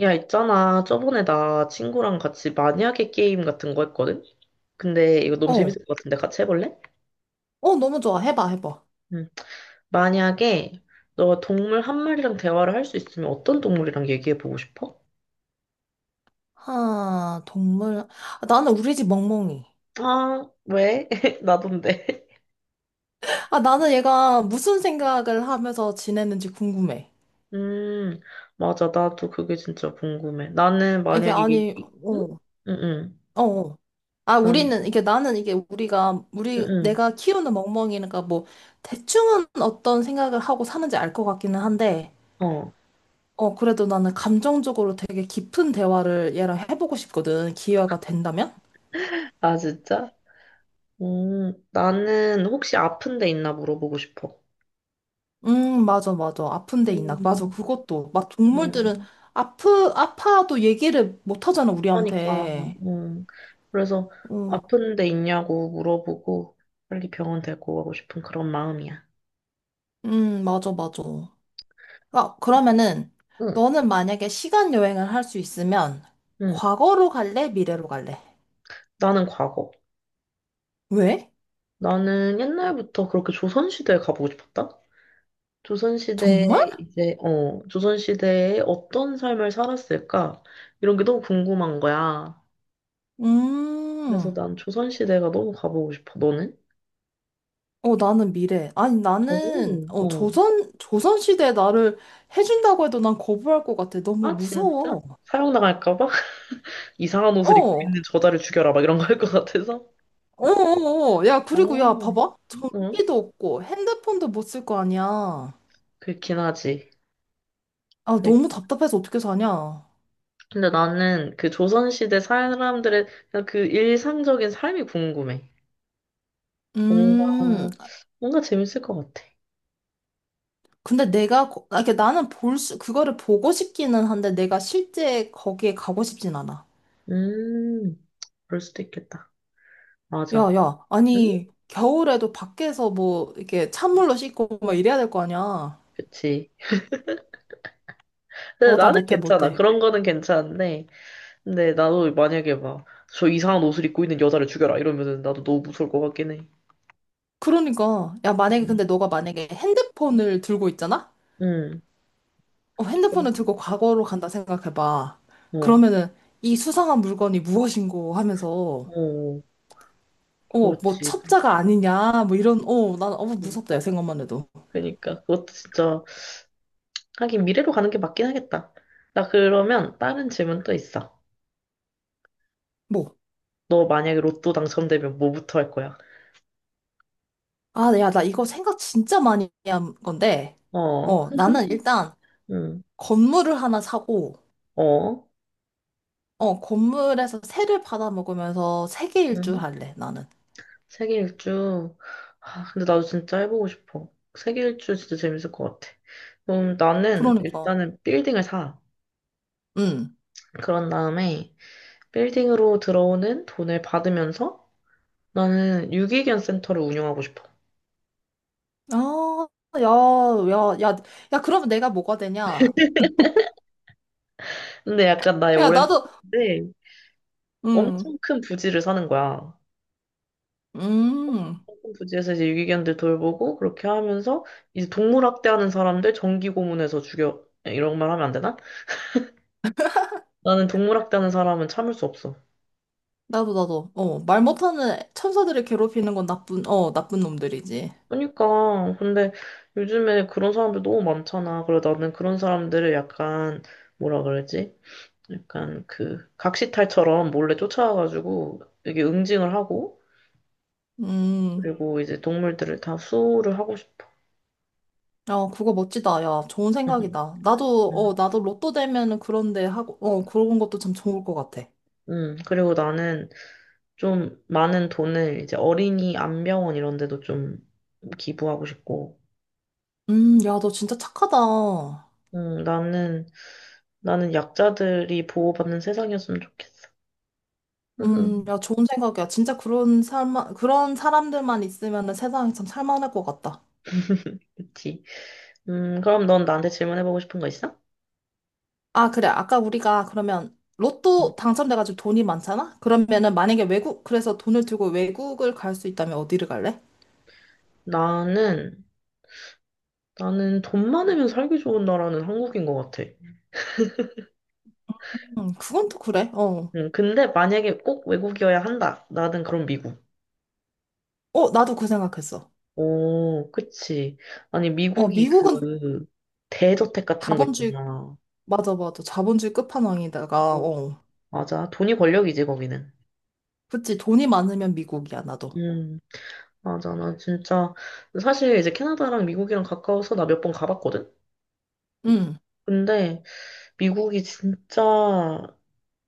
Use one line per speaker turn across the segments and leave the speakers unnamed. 야, 있잖아. 저번에 나 친구랑 같이 만약에 게임 같은 거 했거든? 근데 이거 너무
어,
재밌을 것 같은데 같이 해볼래?
어, 너무 좋아. 해봐, 해봐.
응. 만약에 너가 동물 한 마리랑 대화를 할 수 있으면 어떤 동물이랑 얘기해보고 싶어?
하, 동물. 아, 나는 우리 집 멍멍이.
아, 왜? 나돈데.
아, 나는 얘가 무슨 생각을 하면서 지내는지 궁금해.
음, 맞아. 나도 그게 진짜 궁금해. 나는
아, 이게
만약에
아니,
얘기, 응?
어,
응, 응.
어. 어. 아,
난,
우리는, 이게 나는 이게 우리가, 우리,
응,
내가 키우는 멍멍이니까 뭐, 대충은 어떤 생각을 하고 사는지 알 것 같기는 한데,
응. 어.
어, 그래도 나는 감정적으로 되게 깊은 대화를 얘랑 해보고 싶거든. 기회가 된다면?
아, 진짜? 나는 혹시 아픈 데 있나 물어보고 싶어.
맞아, 맞아. 아픈 데 있나? 맞아,
음,
그것도. 막 동물들은
음.
아파도 얘기를 못 하잖아,
그러니까,
우리한테.
음. 그래서
음,
아픈 데 있냐고 물어보고 빨리 병원 데리고 가고 싶은 그런 마음이야.
맞아, 맞아. 아, 그러면은,
응,
너는 만약에 시간 여행을 할 수 있으면,
응.
과거로 갈래? 미래로 갈래?
나는 과거.
왜?
나는 옛날부터 그렇게 조선시대에 가보고 싶었다. 조선시대에
정말?
이제, 조선시대에 어떤 삶을 살았을까? 이런 게 너무 궁금한 거야. 그래서
음,
난 조선시대가 너무 가보고 싶어. 너는?
어, 나는 미래. 아니, 나는,
오,
어,
어.
조선시대에 나를 해준다고 해도 난 거부할 것 같아. 너무
아, 진짜?
무서워.
사형 당할까 봐? 이상한 옷을 입고
어.
있는 저자를 죽여라. 막 이런 거 할 것 같아서?
어어어. 야, 그리고
어,
야, 봐봐.
응?
전기도 없고 핸드폰도 못 쓸 거 아니야.
그렇긴 하지.
아,
되게.
너무 답답해서 어떻게 사냐.
근데 나는 그 조선시대 사람들의 그냥 그 일상적인 삶이 궁금해. 뭔가,
음,
뭔가 재밌을 것 같아.
근데 내가, 아, 이게 나는 볼 수, 그거를 보고 싶기는 한데 내가 실제 거기에 가고 싶진 않아.
음, 그럴 수도 있겠다.
야,
맞아.
야,
응?
아니, 겨울에도 밖에서 뭐, 이렇게 찬물로 씻고 막 이래야 될 거 아니야.
그치. 근데
어, 나
나는
못해,
괜찮아.
못해.
그런 거는 괜찮은데. 근데 나도 만약에 막, 저 이상한 옷을 입고 있는 여자를 죽여라. 이러면은 나도 너무 무서울 것 같긴 해.
그러니까, 야, 만약에,
응.
근데 너가 만약에 핸드폰을 들고 있잖아?
응.
어, 핸드폰을 들고 과거로 간다 생각해봐.
어,
그러면은 이 수상한 물건이 무엇인고 하면서
어, 어.
어, 뭐
그렇지.
첩자가 아니냐 뭐 이런 어, 난 어,
음,
무섭다 야 생각만 해도.
그러니까 그것도 진짜 하긴 미래로 가는 게 맞긴 하겠다. 나 그러면 다른 질문 또 있어.
뭐
너 만약에 로또 당첨되면 뭐부터 할 거야?
아, 야, 나 이거 생각 진짜 많이 한 건데
어,
어, 나는 일단
응,
건물을 하나 사고
어,
어, 건물에서 새를 받아 먹으면서 세계 일주
응.
할래, 나는.
세계 일주. 아, 근데 나도 진짜 해보고 싶어. 세계 일주 진짜 재밌을 것 같아. 그럼 나는
그러니까.
일단은 빌딩을 사.
응.
그런 다음에 빌딩으로 들어오는 돈을 받으면서 나는 유기견 센터를 운영하고 싶어.
아, 야, 야, 야, 야, 그러면 내가 뭐가 되냐?
근데 약간 나의
야,
오랜
나도
꿈인데
음.
엄청 큰 부지를 사는 거야.
음.
부지에서 이제 유기견들 돌보고 그렇게 하면서 이제 동물학대하는 사람들 전기 고문해서 죽여 예, 이런 말 하면 안 되나? 나는 동물학대하는 사람은 참을 수 없어.
나도, 나도. 어, 말 못하는 천사들을 괴롭히는 건 나쁜 놈들이지.
그러니까 근데 요즘에 그런 사람들 너무 많잖아. 그래 나는 그런 사람들을 약간 뭐라 그러지? 약간 그 각시탈처럼 몰래 쫓아와가지고 이게 응징을 하고
음,
그리고 이제 동물들을 다 수호를 하고 싶어.
야, 그거 멋지다. 야, 좋은 생각이다. 나도 로또 되면은 그런데 하고, 어, 그런 것도 참 좋을 것 같아.
그리고 나는 좀 많은 돈을 이제 어린이 안병원 이런 데도 좀 기부하고 싶고,
야, 너 진짜 착하다.
나는, 나는 약자들이 보호받는 세상이었으면 좋겠어.
야, 좋은 생각이야. 진짜 그런 삶, 그런 사람들만 있으면은 세상이 참 살만할 것 같다.
그치. 그럼 넌 나한테 질문해보고 싶은 거 있어?
아, 그래. 아까 우리가 그러면
음,
로또 당첨돼가지고 돈이 많잖아? 그러면은 만약에 외국, 그래서 돈을 들고 외국을 갈 수 있다면 어디를 갈래?
나는, 나는 돈 많으면 살기 좋은 나라는 한국인 것 같아.
그건 또 그래. 어.
근데 만약에 꼭 외국이어야 한다. 나는 그럼 미국.
어, 나도 그 생각했어.
오, 그치. 아니,
어,
미국이
미국은
그, 대저택 같은 거
자본주의,
있잖아.
맞아, 맞아. 자본주의 끝판왕이다가,
어,
어.
맞아. 돈이 권력이지, 거기는.
그치, 돈이 많으면 미국이야, 나도.
음, 맞아. 나 진짜, 사실 이제 캐나다랑 미국이랑 가까워서 나 몇 번 가봤거든?
응,
근데 미국이 진짜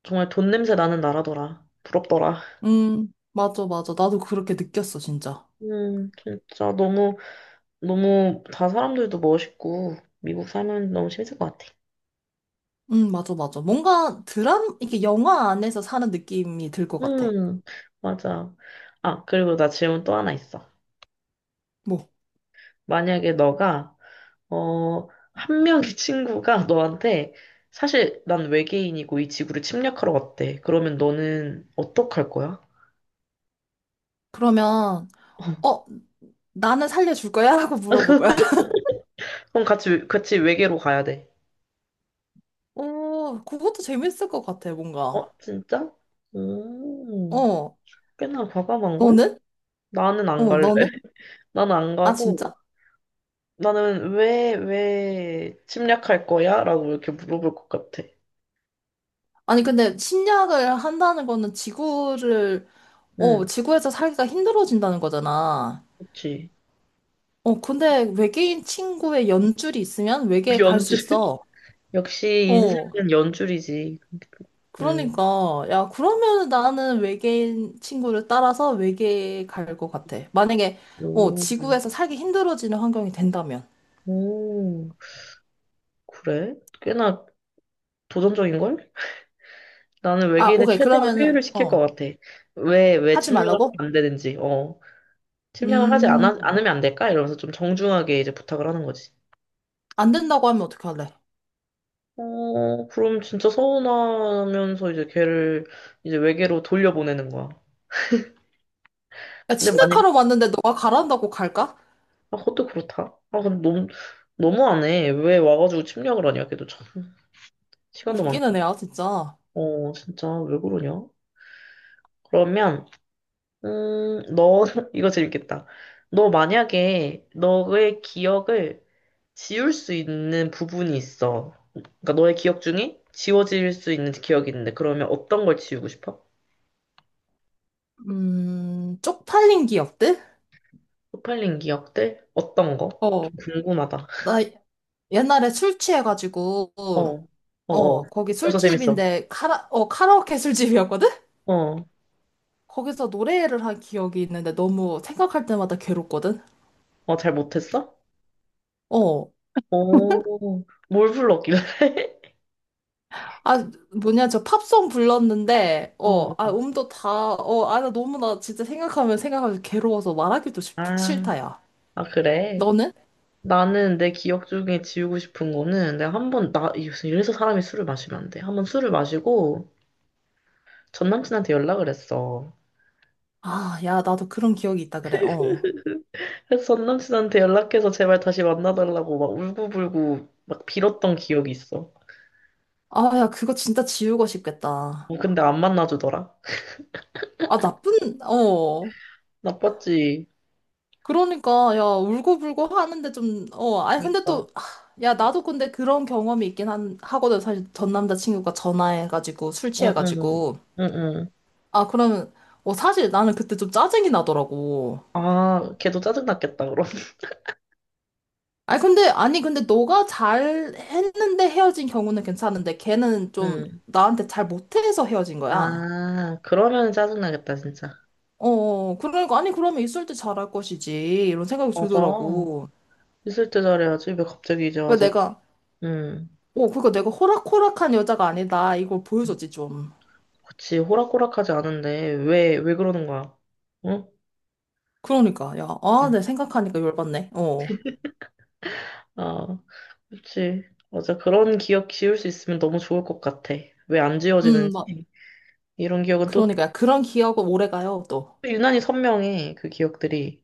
정말 돈 냄새 나는 나라더라. 부럽더라.
응, 맞아, 맞아. 나도 그렇게 느꼈어, 진짜.
진짜 너무, 너무 다 사람들도 멋있고, 미국 살면 너무 재밌을 것 같아.
응, 맞아, 맞아. 뭔가 이게 영화 안에서 사는 느낌이 들 것 같아.
음, 맞아. 아, 그리고 나 질문 또 하나 있어.
뭐,
만약에 너가 한 명의 친구가 너한테 사실 난 외계인이고 이 지구를 침략하러 왔대. 그러면 너는 어떡할 거야?
그러면, 어, 나는 살려줄 거야? 라고 물어볼 거야.
그럼 같이, 같이 외계로 가야 돼.
오, 그것도 재밌을 것 같아,
어,
뭔가.
진짜? 음,
어,
꽤나 과감한걸?
너는?
나는 안
어,
갈래.
너는?
나는 안
아,
가고,
진짜?
나는 왜, 왜 침략할 거야? 라고 이렇게 물어볼 것 같아.
아니, 근데 침략을 한다는 거는 지구를, 어,
응,
지구에서 살기가 힘들어진다는 거잖아.
그치.
어, 근데 외계인 친구의 연줄이 있으면 외계에 갈 수
연줄?
있어.
역시
어,
인생은 연줄이지. 응,
그러니까. 야, 그러면 나는 외계인 친구를 따라서 외계에 갈 것 같아. 만약에, 어,
오,
지구에서 살기 힘들어지는 환경이 된다면.
오, 그래? 꽤나 도전적인걸? 나는
아,
외계인을
오케이.
최대한
그러면은,
회유를 시킬 것
어,
같아. 왜, 왜
하지
침략을
말라고?
하면 안 되는지, 어. 침략을 하지
음,
않아, 않으면 안 될까? 이러면서 좀 정중하게 이제 부탁을 하는 거지.
안 된다고 하면 어떻게 할래?
어, 그럼 진짜 서운하면서 이제 걔를 이제 외계로 돌려보내는 거야.
야,
근데 만약에,
침략하러 왔는데 너가 가란다고 갈까?
아, 그것도 그렇다. 아, 근데 너무, 너무 안 해. 왜 와가지고 침략을 하냐, 걔도 참. 시간도 많다.
웃기는 애야, 진짜.
어, 진짜, 왜 그러냐? 그러면, 너, 이거 재밌겠다. 너 만약에 너의 기억을 지울 수 있는 부분이 있어. 그러니까 너의 기억 중에 지워질 수 있는 기억이 있는데 그러면 어떤 걸 지우고 싶어?
쪽팔린 기억들?
쪽팔린 기억들? 어떤 거? 좀
어,
궁금하다.
나 옛날에 술 취해가지고,
어, 어, 어.
어, 거기
벌써 재밌어.
술집인데, 카라오케 술집이었거든?
어,
거기서 노래를 한 기억이 있는데 너무 생각할 때마다 괴롭거든?
어, 잘 못했어?
어,
오, 뭘 불렀길래?
아, 뭐냐, 저 팝송 불렀는데, 어,
어,
아, 음도 다, 어, 아, 나 너무 나 진짜 생각하면 생각하면 괴로워서 말하기도
아,
싫다, 야.
아, 그래.
너는?
나는 내 기억 중에 지우고 싶은 거는 내가 한 번, 나, 이래서 사람이 술을 마시면 안 돼. 한번 술을 마시고 전 남친한테 연락을 했어.
아, 야, 나도 그런 기억이 있다 그래, 어.
그래서 전 남친한테 연락해서 제발 다시 만나달라고 막 울고불고 막 빌었던 기억이 있어.
아, 야, 그거 진짜 지우고 싶겠다.
어, 근데 안 만나주더라.
아, 나쁜, 어.
나빴지.
그러니까, 야, 울고불고 하는데 좀. 어, 아니, 근데
그러니까.
또, 야, 나도 근데 그런 경험이 있긴 한 하거든. 사실 전 남자친구가 전화해가지고 술
응, 응,
취해가지고.
응, 응.
아, 그러면, 어, 사실 나는 그때 좀 짜증이 나더라고.
아, 걔도 짜증났겠다, 그럼.
아니 근데 너가 잘 했는데 헤어진 경우는 괜찮은데, 걔는 좀
응.
나한테 잘 못해서 헤어진 거야.
아, 그러면 짜증나겠다, 진짜.
어, 어, 그러니까, 아니, 그러면 있을 때 잘할 것이지. 이런 생각이
맞아.
들더라고.
있을 때 잘해야지. 왜 갑자기 이제
왜
와서.
내가.
응.
어, 그러니까 내가 호락호락한 여자가 아니다, 이걸 보여줬지 좀.
그치, 호락호락하지 않은데. 왜, 왜 그러는 거야? 응?
그러니까, 야, 아,
응.
내 생각하니까 열받네. 어.
아, 그렇지. 맞아. 그런 기억 지울 수 있으면 너무 좋을 것 같아. 왜 안
막,
지워지는지. 이런 기억은 또
그러니까, 야, 그런 기억은 오래 가요, 또.
유난히 선명해. 그 기억들이.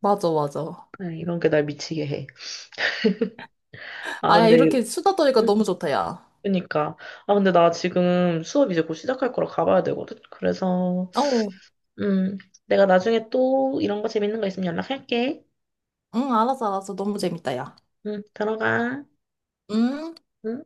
맞아, 맞아.
네, 이런 게 날 미치게 해. 아,
아, 야,
근데,
이렇게 수다 떠니까
음,
너무 좋다, 야.
그러니까. 아, 근데 나 지금 수업 이제 곧 시작할 거라 가봐야 되거든. 그래서,
어,
음, 내가 나중에 또 이런 거 재밌는 거 있으면 연락할게.
응, 알았어, 알았어. 너무 재밌다, 야.
응, 들어가.
음.
응?